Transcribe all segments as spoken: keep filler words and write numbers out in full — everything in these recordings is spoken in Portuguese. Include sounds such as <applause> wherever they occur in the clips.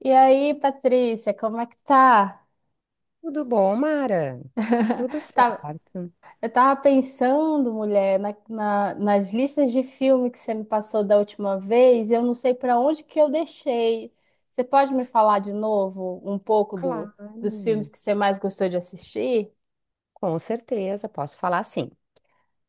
E aí, Patrícia, como é que tá? Tudo bom, Mara? Tudo <laughs> Tá- certo. Eu tava pensando, mulher, na- na- nas listas de filme que você me passou da última vez, e eu não sei para onde que eu deixei. Você pode me falar de novo um pouco do- Claro, dos filmes que você mais gostou de assistir? com certeza, posso falar sim.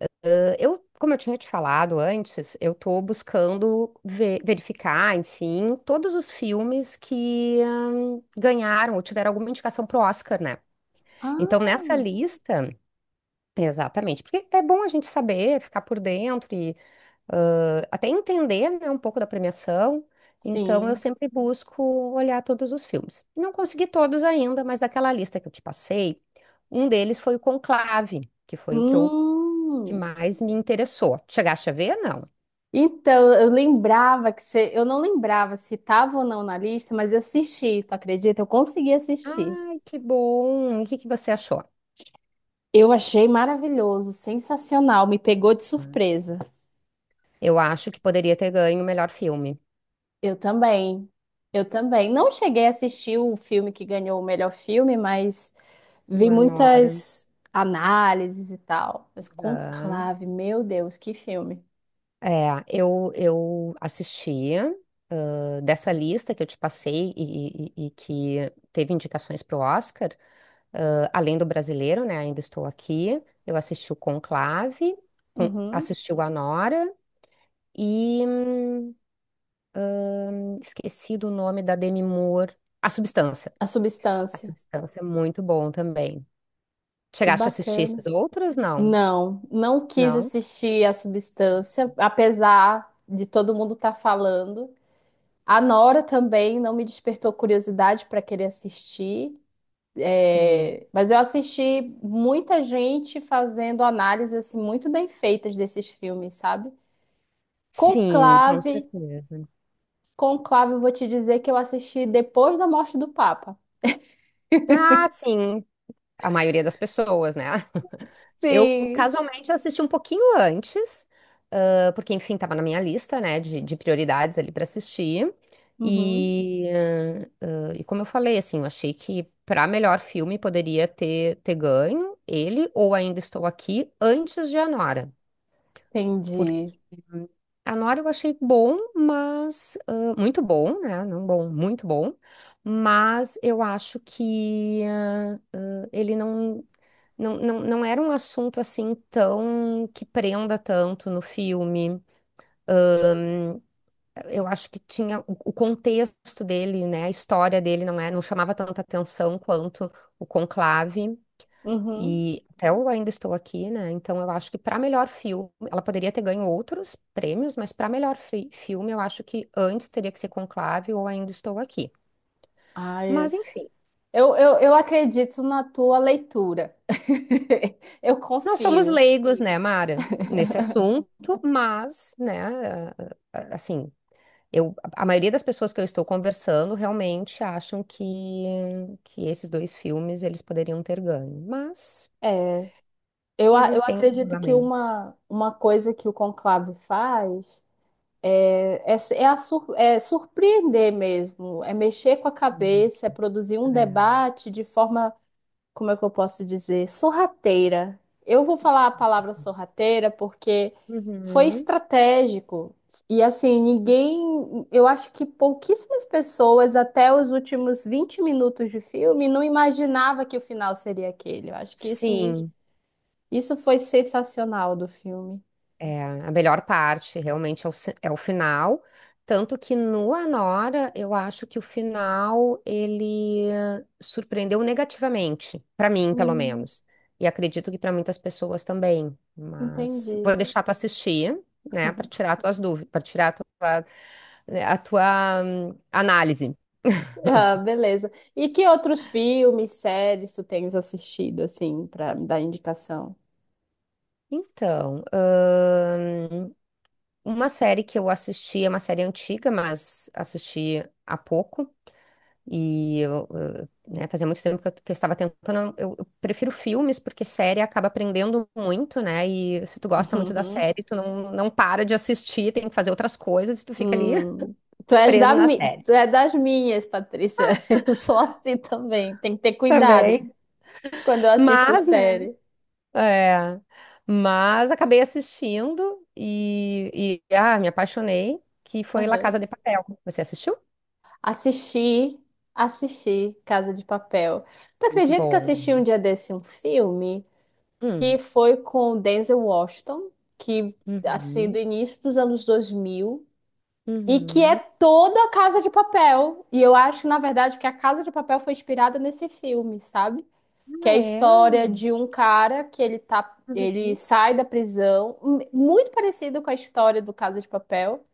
Ah, eu, como eu tinha te falado antes, eu estou buscando ve- verificar, enfim, todos os filmes que hum, ganharam ou tiveram alguma indicação pro Oscar, né? Então, nessa Ah, lista, exatamente, porque é bom a gente saber, ficar por dentro e ah, até entender, né, um pouco da premiação. Então, eu sim. sempre busco olhar todos os filmes. Não consegui todos ainda, mas daquela lista que eu te passei, um deles foi o Conclave, que foi o que eu que Hum. mais me interessou. Chegaste a ver? Não. Então, eu lembrava que você. Eu não lembrava se estava ou não na lista, mas eu assisti, tu acredita? Eu consegui assistir. Ai, que bom! E o que que você achou? Eu achei maravilhoso, sensacional, me pegou de surpresa. Eu acho que poderia ter ganho o melhor filme. Eu também, eu também. Não cheguei a assistir o filme que ganhou o melhor filme, mas O vi Anora. muitas análises e tal. Mas Conclave, meu Deus, que filme. É, eu, eu assisti, ah, dessa lista que eu te passei e, e- e que teve indicações para o Oscar, ah, além do brasileiro, né? Ainda estou aqui. Eu assisti o Conclave, con- Uhum. assisti o Anora e hum, esqueci do nome da Demi Moore. A Substância. A A Substância, Substância é muito bom também. que Chegaste a assistir bacana. esses outros? Não. Não, não quis Não? assistir A Substância, apesar de todo mundo estar falando. A Nora também não me despertou curiosidade para querer assistir. Sim. É, mas eu assisti muita gente fazendo análises assim, muito bem feitas desses filmes, sabe? Sim, com Conclave, certeza. Conclave, eu vou te dizer que eu assisti depois da morte do Papa. Ah, sim. A maioria das pessoas, né? Eu Sim. casualmente assisti um pouquinho antes, ah, porque enfim, estava na minha lista, né, de, de prioridades ali para assistir. Uhum, E, ah, ah, e como eu falei, assim, eu achei que para melhor filme poderia ter, ter ganho ele ou Ainda Estou Aqui antes de Anora, porque entendi. Anora eu achei bom, mas ah, muito bom, né? Não bom, muito bom, mas eu acho que ah, ah, ele não. Não, não, não era um assunto assim tão que prenda tanto no filme. Eu acho que tinha o o contexto dele, né? A história dele não é, não chamava tanta atenção quanto o Conclave. Uhum. E até eu ainda estou aqui, né? Então eu acho que para melhor filme, ela poderia ter ganho outros prêmios, mas para melhor fi- filme, eu acho que antes teria que ser Conclave ou Ainda Estou Aqui. Ai, Mas enfim, eu, eu, eu acredito na tua leitura. <laughs> Eu nós somos confio. leigos, né, Mara, nesse assunto, mas, né, assim. Eu, a maioria das pessoas que eu estou conversando realmente acham que, que esses dois filmes eles poderiam ter ganho, mas É, eu, a- eles eu têm acredito que julgamentos. uma, uma coisa que o Conclave faz. É, é é a sur- é surpreender mesmo, é mexer com a Hum, cabeça, é produzir um é. debate de forma, como é que eu posso dizer, sorrateira. Eu vou falar a palavra sorrateira porque foi Uhum. estratégico. E assim, ninguém, eu acho que pouquíssimas pessoas até os últimos vinte minutos de filme não imaginava que o final seria aquele. Eu acho que isso me, Sim, isso foi sensacional do filme. é, a melhor parte realmente é o, ci- é o final. Tanto que no Anora, eu acho que o final ele eh, surpreendeu negativamente, para mim, pelo Hum, menos. E acredito que para muitas pessoas também. Mas entendi. vou deixar tu assistir, né, para tirar tuas dúvidas, para tirar a tua, né, a tua hum, análise. Ah, beleza. E que outros filmes, séries tu tens assistido, assim, pra me dar indicação? <laughs> Então, hum, uma série que eu assisti, é uma série antiga, mas assisti há pouco. E eu, eh, né, fazia muito tempo que eu, que eu estava tentando. Eu, eu prefiro filmes, porque série acaba aprendendo muito, né? E se tu gosta muito da Uhum. série, tu não, não para de assistir, tem que fazer outras coisas e tu fica ali Hum. <laughs> Tu és da preso na mi... série Tu é das minhas, Patrícia. <laughs> Eu sou assim também. Tem que ter cuidado também. quando eu assisto Mas, né? série. É. Mas acabei assistindo e, e ah, me apaixonei, que foi La Uhum. Casa de Papel. Você assistiu? Assisti, assisti Casa de Papel. Tu Muito acredita que eu bom. assisti um dia desse um filme Hum. que foi com o Denzel Washington, que, assim, Uhum. do início dos anos dois mil. E que é Uhum. toda a Casa de Papel. E eu acho, na verdade, que a Casa de Papel foi inspirada nesse filme, sabe? Que é Ah, a é? história de um cara que ele tá, ele Uhum. sai da prisão, m- muito parecido com a história do Casa de Papel,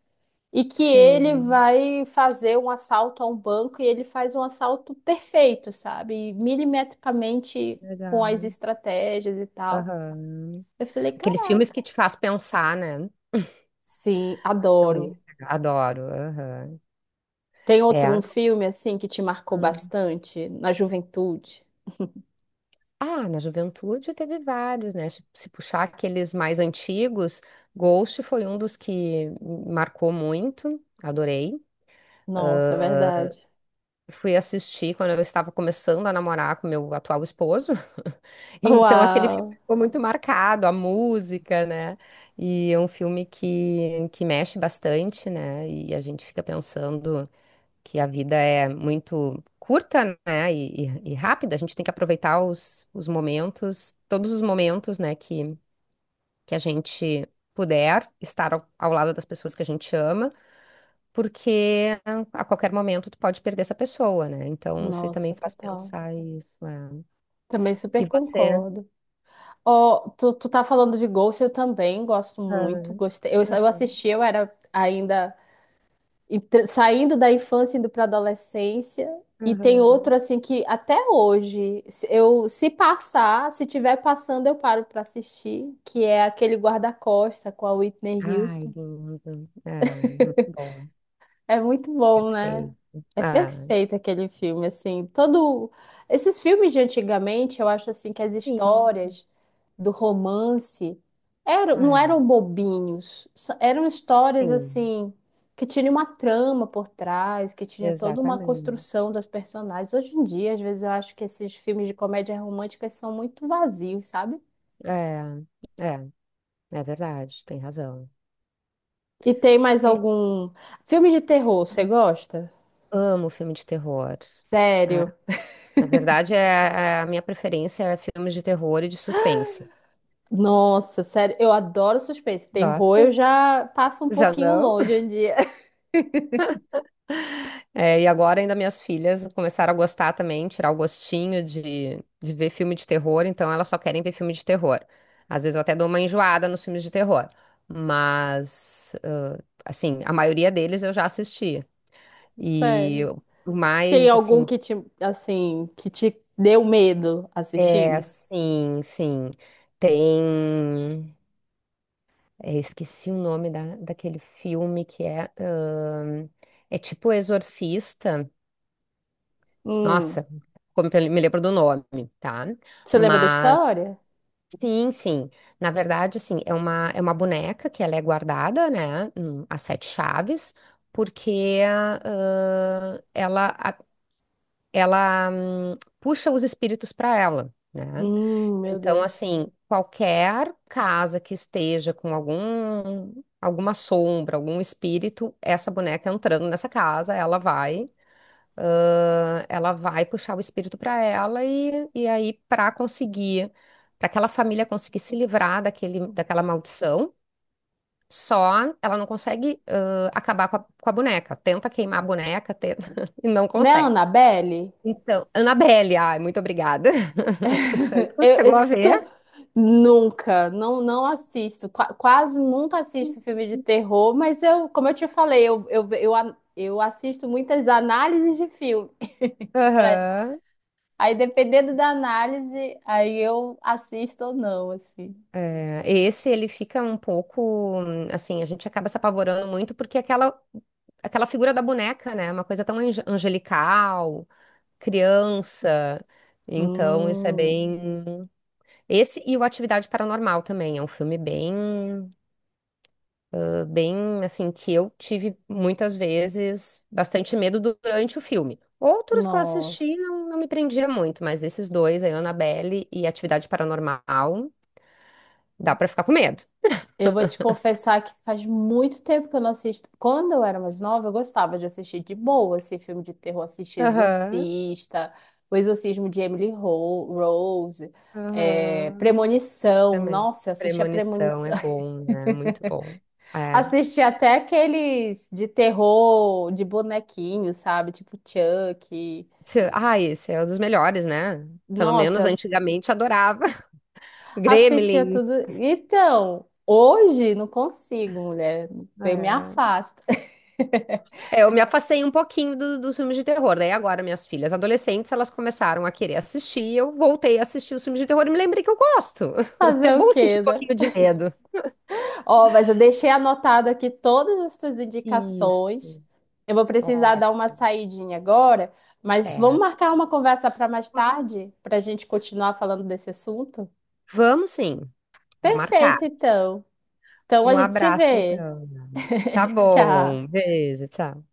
e que ele Sim, vai fazer um assalto a um banco e ele faz um assalto perfeito, sabe? E milimetricamente com as legal. estratégias e tal. Aham. Eu falei, Aqueles filmes caraca. que te faz pensar, né? Sim, Acho muito adoro. legal. Adoro. Aham. Tem outro um É. filme assim que te marcou Hum. bastante na juventude? Ah, na juventude teve vários, né? Se se puxar aqueles mais antigos, Ghost foi um dos que me marcou muito. Adorei. Nossa, é verdade. Fui assistir quando eu estava começando a namorar com meu atual esposo. <laughs> Então aquele filme Uau! ficou muito marcado, a música, né? E é um filme que, que mexe bastante, né? E a gente fica pensando que a vida é muito curta, né, e, e- e rápida. A gente tem que aproveitar os, os momentos, todos os momentos, né, que, que a gente puder estar ao, ao lado das pessoas que a gente ama, porque a qualquer momento tu pode perder essa pessoa, né? Então, isso aí também Nossa, faz total. pensar isso. É. Também E super você? concordo. Ó, tu, tu tá falando de Ghost, eu também gosto muito. Ah, Gostei. Eu, eu assisti, eu era ainda entre- saindo da infância, indo pra adolescência. E tem outro uhum. assim que até hoje, se eu se passar, se tiver passando, eu paro pra assistir, que é aquele Guarda-Costa com a Whitney Ai, Houston. lindo. Ah, muito <laughs> bom. É muito bom, né? Perfeito. É Ah, perfeito aquele filme, assim, todo... Esses filmes de antigamente, eu acho, assim, que as sim. histórias do romance eram, não Ah, eram bobinhos, só- eram histórias, sim. assim, que tinha uma trama por trás, que tinha toda uma Exatamente. construção das personagens. Hoje em dia, às vezes, eu acho que esses filmes de comédia romântica são muito vazios, sabe? É, é, é verdade, tem razão. E tem mais É, algum... Filme de terror, você sim. gosta? Amo filme de terror. É, Sério? na verdade, é, é- a minha preferência é filmes de terror e de suspense. Nossa, sério, eu adoro suspense. Terror eu Gosta? já passo um Já pouquinho não? longe hoje <laughs> em dia. <laughs> É, e agora ainda minhas filhas começaram a gostar também, tirar o gostinho de, de ver filme de terror, então elas só querem ver filme de terror. Às vezes eu até dou uma enjoada nos filmes de terror, mas, ãh, assim, a maioria deles eu já assisti. E Sério. o Tem mais, algum assim, que te, assim, que te deu medo é, assistindo? sim, sim. Tem. É, esqueci o nome da, daquele filme que é ahn, é tipo Exorcista. Hum. Nossa, como pe- me lembro do nome, tá? Você lembra da Mas. história? Sim, sim. Na verdade, assim, é uma, é uma boneca que ela é guardada, né? hum, As sete chaves, porque ah, ela, a- ela hum, puxa os espíritos para ela, né? Hum, meu Então, Deus. assim, qualquer casa que esteja com algum, alguma sombra, algum espírito, essa boneca entrando nessa casa, ela vai, ãh, ela vai puxar o espírito para ela e, e aí para conseguir, para aquela família conseguir se livrar daquele, daquela maldição, só ela não consegue, ãh, acabar com a, com a boneca. Tenta queimar a boneca, tenta, <laughs> e não Né, consegue. Annabelle? Então, Annabelle, ai, muito obrigada. <laughs> Isso aí, <laughs> tu Eu, chegou eu- a ver? tu- Nunca, não, não assisto, qua- quase nunca assisto filme de terror, mas eu, como eu te falei, eu, eu, eu, a- eu assisto muitas análises de filme. <laughs> Aham. Aí, dependendo da análise, aí eu assisto ou não, assim. É, esse ele fica um pouco hum, assim, a gente acaba se apavorando muito porque aquela aquela figura da boneca, né, é uma coisa tão ange- angelical, criança. Então, isso é Hum, bem esse e o Atividade Paranormal também é um filme bem eh, bem assim que eu tive muitas vezes bastante medo durante o filme. Outros que eu assisti nossa. não, não me prendia muito, mas esses dois, aí, Annabelle e Atividade Paranormal, dá pra ficar com medo. Eu vou te confessar que faz muito tempo que eu não assisto. Quando eu era mais nova, eu gostava de assistir de boa, assim, filme de terror, assistir Aham. Exorcista, O Exorcismo de Emily Ro- Rose, é, Aham, Premonição. também. Nossa, eu assisti a Premonição é Premonição. <laughs> bom, né? Muito bom. É. Assisti até aqueles de terror, de bonequinho, sabe? Tipo Chuck. Tchê, ah, esse é um dos melhores, né? Pelo menos Nossa, antigamente adorava. <laughs> assistia tudo. Gremlins. Então, hoje não consigo, mulher. Eu me É. afasto. <laughs> É, eu me afastei um pouquinho do- dos filmes de terror. Daí agora minhas filhas adolescentes, elas começaram a querer assistir. Eu voltei a assistir os filmes de terror e me lembrei que eu gosto. <laughs> É Fazer o bom sentir quê, um né? pouquinho de medo. Ó, mas eu deixei anotado aqui todas as suas Isso. indicações. Eu vou precisar dar uma Ótimo. saidinha agora, mas vamos Certo. marcar uma conversa para mais tarde, para a gente continuar falando desse assunto? Vamos sim. Tá marcado. Perfeito, então. Então a Um gente se abraço, vê. então. Tá Tchau. bom. Beijo, tchau.